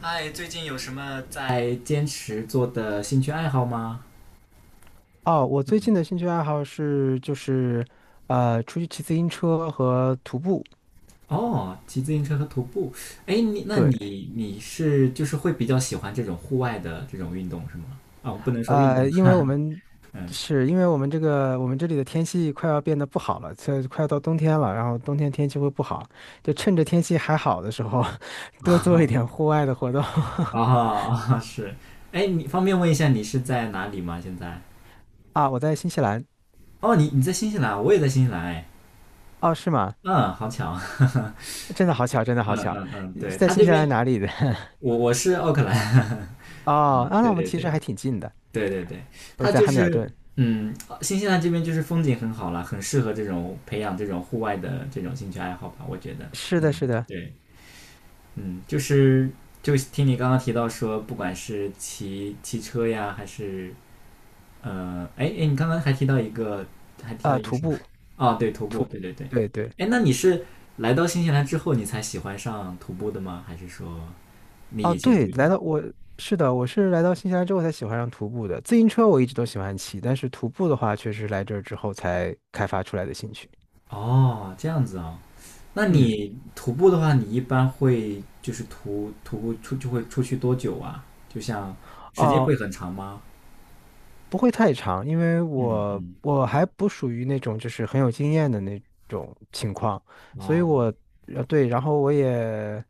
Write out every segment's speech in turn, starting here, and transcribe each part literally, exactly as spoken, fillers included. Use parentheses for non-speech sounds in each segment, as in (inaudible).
嗨，最近有什么在坚持做的兴趣爱好吗？哦，我最嗯，近的兴趣爱好是就是呃出去骑自行车和徒步。哦，骑自行车和徒步。哎，你那对，你你是就是会比较喜欢这种户外的这种运动是吗？啊、我不能说运动，呃，因为我们 (laughs) 嗯，是因为我们这个我们这里的天气快要变得不好了，快快要到冬天了，然后冬天天气会不好，就趁着天气还好的时候 (laughs) 多做一点啊户外的活动。啊是。哎，你方便问一下你是在哪里吗？现在？(laughs) 啊，我在新西兰。哦，你你在新西兰，我也在新西兰。哎，哦，是吗？嗯，好巧。(laughs) 真的好巧，真的好嗯巧，嗯嗯，对，在他新这西边兰哪里的？(laughs) 我我是奥克兰。(laughs) 哦，嗯，啊，那对我们对其实对。还挺近的。对对对，我它在就汉密尔是顿。嗯，新西兰这边就是风景很好啦，很适合这种培养这种户外的这种兴趣爱好吧，我觉得。是的，嗯，是的，对，嗯，就是就听你刚刚提到说，不管是骑骑车呀，还是呃，哎哎，你刚刚还提到一个，还提到啊，一个徒什么？步，哦，对，徒徒步，对步，对对。对对。哎，那你是来到新西兰之后你才喜欢上徒步的吗？还是说你哦，以前对，就有？来到我是的，我是来到新西兰之后才喜欢上徒步的。自行车我一直都喜欢骑，但是徒步的话，确实来这儿之后才开发出来的兴趣。哦，这样子啊？那嗯，你徒步的话，你一般会就是徒徒步出就会出去多久啊？就像时间哦，会很长吗？不会太长，因为嗯我嗯，我还不属于那种就是很有经验的那种情况，所以哦我呃对，然后我也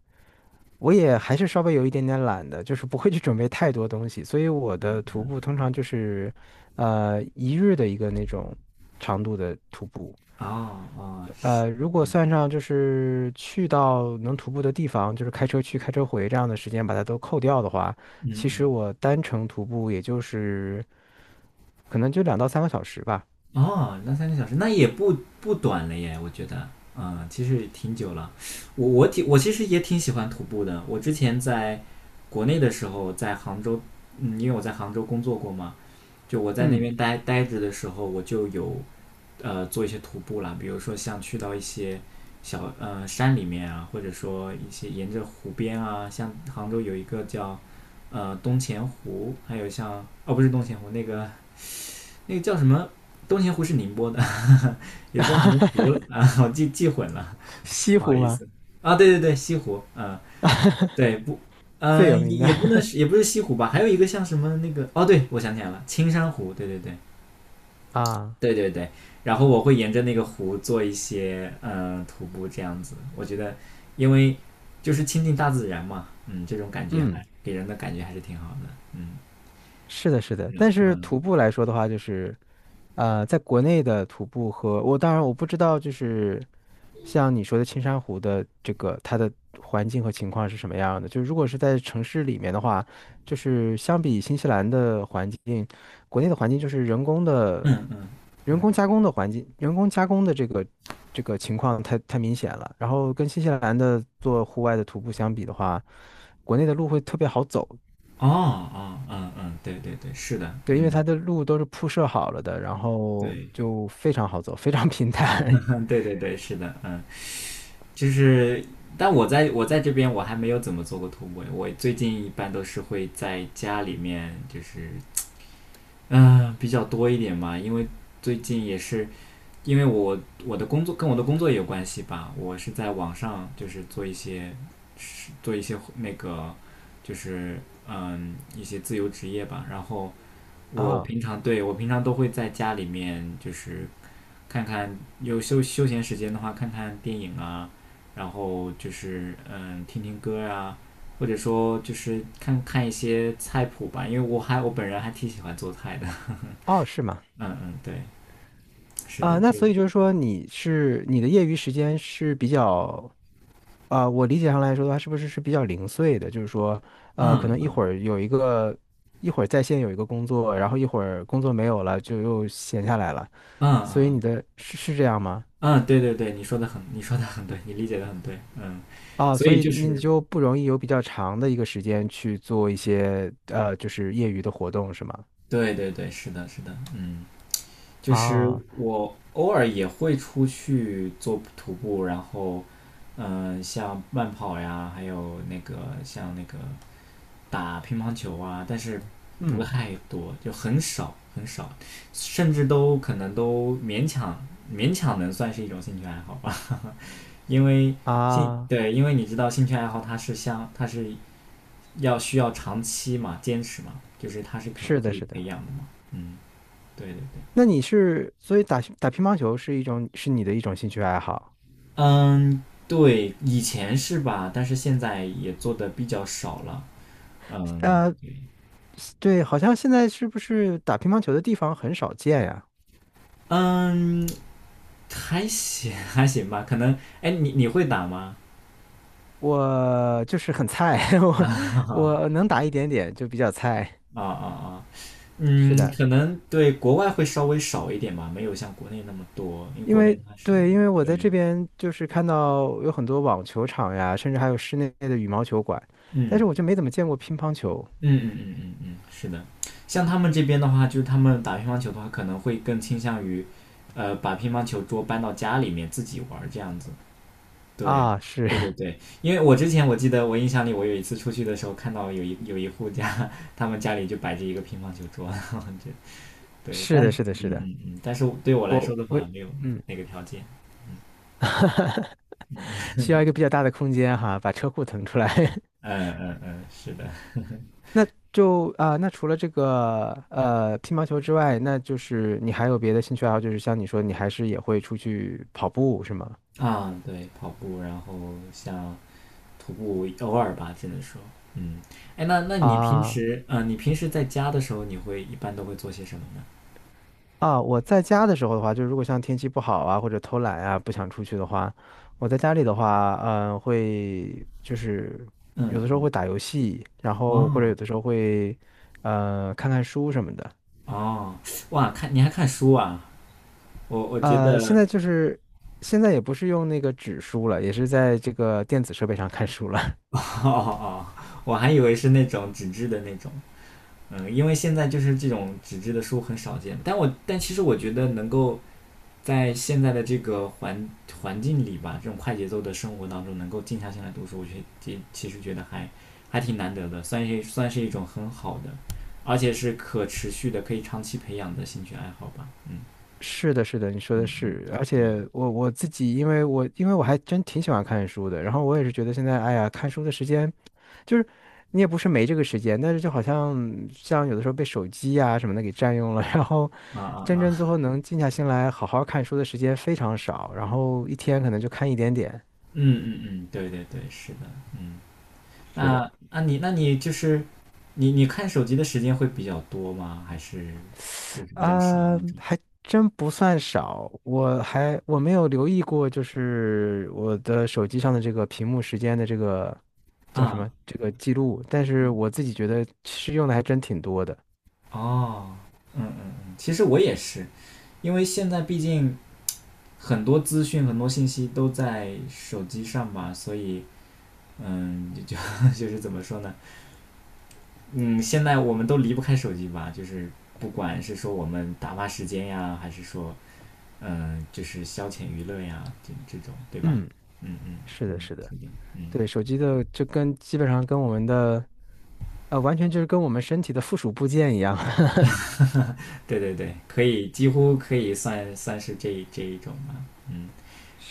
我也还是稍微有一点点懒的，就是不会去准备太多东西，所以我的徒步通常就是呃一日的一个那种长度的徒步。哦哦，呃，如果算上就是去到能徒步的地方，就是开车去、开车回这样的时间，把它都扣掉的话，嗯其实嗯，我单程徒步也就是可能就两到三个小时吧。哦，那三个小时那也不不短了耶，我觉得，嗯，其实挺久了。我我挺我其实也挺喜欢徒步的。我之前在国内的时候，在杭州，嗯，因为我在杭州工作过嘛，就我在那嗯，边待待着的时候，我就有呃做一些徒步啦，比如说像去到一些小呃山里面啊，或者说一些沿着湖边啊，像杭州有一个叫呃东钱湖，还有像哦不是东钱湖，那个那个叫什么？东钱湖是宁波的，(laughs) 有叫什么湖啊？(laughs) 我记记混了，西不好湖意嘛，思啊。对对对，西湖，嗯、对不，最有嗯、名的 也不能 (laughs) 是也不是西湖吧？还有一个像什么那个哦，对我想起来了，青山湖，对对对，啊，对对对，然后我会沿着那个湖做一些嗯、呃徒步这样子，我觉得因为就是亲近大自然嘛，嗯，这种感觉还嗯，给人的感觉还是挺好的，嗯，是的，是的。是的，但是嗯徒步来说的话，就是呃，在国内的徒步和我当然我不知道，就是像你说的青山湖的这个它的环境和情况是什么样的。就如果是在城市里面的话，就是相比新西兰的环境，国内的环境就是人工的、嗯嗯，人工加工的环境，人工加工的这个这个情况太太明显了。然后跟新西兰的做户外的徒步相比的话，国内的路会特别好走。哦哦嗯嗯，对对对，是的，对，因为嗯，它的路都是铺设好了的，然后对，就非常好走，非常 (laughs) 平坦。(laughs) 对对对，是的，嗯，就是。但我在我在这边我还没有怎么做过徒步，我最近一般都是会在家里面，就是嗯、呃比较多一点嘛，因为最近也是因为我我的工作跟我的工作也有关系吧，我是在网上就是做一些做一些那个就是嗯一些自由职业吧，然后我啊平常对我平常都会在家里面就是看看有休休闲时间的话看看电影啊，然后就是嗯听听歌啊，或者说就是看看一些菜谱吧，因为我还我本人还挺喜欢做菜的，哦，是吗？(laughs) 嗯嗯对，是啊、的，那就所以就是说，你是你的业余时间是比较啊、我理解上来说的话，是不是是比较零碎的？就是说，呃，可嗯能一会嗯儿有一个，一会儿在线有一个工作，然后一会儿工作没有了，就又闲下来了。嗯所以嗯。你嗯的是是这样吗？嗯，对对对，你说的很，你说的很对，你理解的很对，嗯，啊、所所以以就那你是，就不容易有比较长的一个时间去做一些呃，就是业余的活动，是吗？对对对，是的，是的，嗯，就是啊，我偶尔也会出去做徒步，然后，嗯、像慢跑呀，还有那个像那个打乒乓球啊，但是不嗯太多，就很少很少，甚至都可能都勉强勉强能算是一种兴趣爱好吧，(laughs) 因为兴，啊，对，因为你知道兴趣爱好它是相，它是要需要长期嘛，坚持嘛，就是它是可是可的，以是的。培养的嘛。嗯，对对对，那你是，所以打打乒乓球是一种，是你的一种兴趣爱好。嗯，对，以前是吧，但是现在也做的比较少了。嗯呃，对，好像现在是不是打乒乓球的地方很少见呀？嗯，还行 (laughs) 还行吧，可能哎，你你会打吗？我就是很菜，(laughs) (laughs) 我啊我能打一点点，就比较菜。啊啊啊嗯，是的，可能对国外会稍微少一点吧，没有像国内那么多，因为因国为内它是对，因为我在这对，边就是看到有很多网球场呀，甚至还有室内的羽毛球馆，但嗯。是我就没怎么见过乒乓球嗯嗯嗯嗯嗯，是的。像他们这边的话，就是他们打乒乓球的话，可能会更倾向于，呃，把乒乓球桌搬到家里面自己玩儿这样子。对，啊。是 对对对，因为我之前我记得我印象里，我有一次出去的时候看到有一有一户家，他们家里就摆着一个乒乓球桌，(laughs) 然后就 (laughs) 对，是但的，嗯是的，是的，嗯嗯，但是对我来我说的我话，没有嗯，那个条件。需要一个比较大的空间哈，把车库腾出来。(laughs) 嗯嗯嗯，是的。那就啊、呃那除了这个呃乒乓球之外，那就是你还有别的兴趣爱好，就是像你说，你还是也会出去跑步，是吗？啊，对，跑步，然后像徒步，偶尔吧，只能说，嗯，哎，那那你平啊时，嗯，你平时在家的时候，你会一般都会做些什么呢？啊，我在家的时候的话，就是如果像天气不好啊，或者偷懒啊，不想出去的话，我在家里的话，嗯、会就是嗯有的时候嗯，会打游戏，然后或者有哦的时候会呃看看书什么的。哦，哇，看你还看书啊？我我觉呃，现得，在就是现在也不是用那个纸书了，也是在这个电子设备上看书了。(laughs) 哦哦，我还以为是那种纸质的那种，嗯，因为现在就是这种纸质的书很少见，但我但其实我觉得能够在现在的这个环环境里吧，这种快节奏的生活当中，能够静下心来读书，我觉得其其实觉得还还挺难得的，算是算是一种很好的，而且是可持续的、可以长期培养的兴趣爱好吧。嗯是的，是的，你说的嗯嗯，是，而对。且我我自己，因为我因为我还真挺喜欢看书的，然后我也是觉得现在，哎呀，看书的时间就是你也不是没这个时间，但是就好像像有的时候被手机啊什么的给占用了，(laughs) 然后啊真啊正最后啊！能静下心来好好看书的时间非常少，然后一天可能就看一点点。嗯嗯嗯，对对对，是的。嗯，是的。那那你那你就是你你看手机的时间会比较多吗？还是就是比较少啊，那种还真不算少，我还我没有留意过，就是我的手机上的这个屏幕时间的这个叫什啊？么这个记录，但是我自己觉得其实用的还真挺多的。哦，嗯嗯嗯，其实我也是，因为现在毕竟很多资讯、很多信息都在手机上吧，所以嗯，就就 (laughs) 是怎么说呢？嗯，现在我们都离不开手机吧，就是不管是说我们打发时间呀，还是说嗯，就是消遣娱乐呀，这这种对吧？嗯，嗯嗯是的，嗯，是的，确定，嗯，对，手机的就跟基本上跟我们的呃，完全就是跟我们身体的附属部件一样。(laughs) (laughs) 对对对，可以，几乎可以算算是这这一种吧，嗯。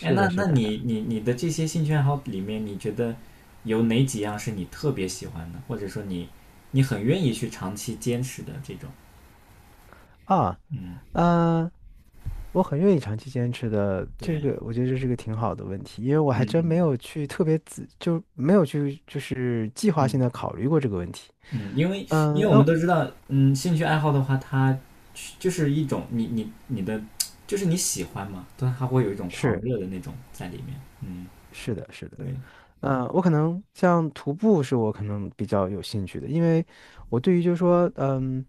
哎，那的，是那的。你你你的这些兴趣爱好里面，你觉得有哪几样是你特别喜欢的，或者说你你很愿意去长期坚持的这种？啊，嗯，嗯、我很愿意长期坚持的，这对，个我觉得这是个挺好的问题，因为我还嗯真没嗯有去特别仔，就没有去就是计划性嗯的考虑过这个问题。嗯，因为嗯，因为我们哦，都知道，嗯，兴趣爱好的话，它就是一种你你你的，就是你喜欢嘛，但它会有一种狂是热的那种在里面。嗯，是的，是的，对，嗯，我可能像徒步是我可能比较有兴趣的，因为我对于就是说，嗯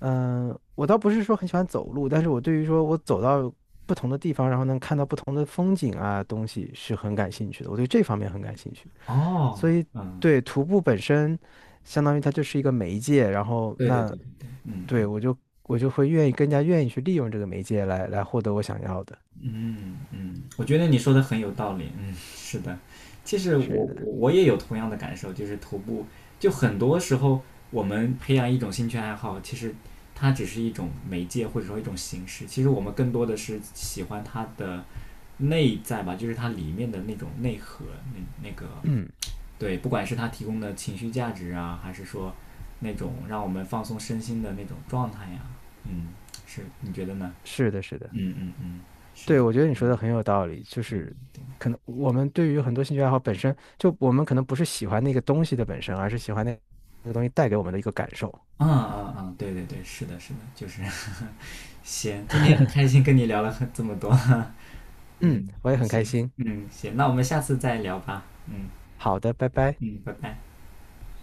嗯，呃我倒不是说很喜欢走路，但是我对于说我走到不同的地方，然后能看到不同的风景啊东西是很感兴趣的，我对这方面很感兴趣。哦，所以嗯，对徒步本身，相当于它就是一个媒介，然后对对那对对对，对嗯。我就我就会愿意更加愿意去利用这个媒介来来获得我想要的。嗯嗯，我觉得你说的很有道理。嗯，是的，其实我是的，我我也有同样的感受，就是徒步，就很多时候我们培养一种兴趣爱好，其实它只是一种媒介或者说一种形式，其实我们更多的是喜欢它的内在吧，就是它里面的那种内核，那那个嗯，对，不管是它提供的情绪价值啊，还是说那种让我们放松身心的那种状态呀、嗯，是，你觉得呢？(clears throat) 是的，是的，嗯嗯嗯，是对，的，我觉得你说嗯。的很有道理，就对对是对，可能我们对于很多兴趣爱好本身，就我们可能不是喜欢那个东西的本身，而是喜欢那那个东西带给我们的一个感受。嗯嗯嗯，对对对，是的，是的，就是 (laughs) 行，今天很开心跟你聊了很这么多，(laughs) 嗯，嗯，我也很开行，心。嗯，行，那我们下次再聊吧，嗯好的，拜拜。嗯，拜拜。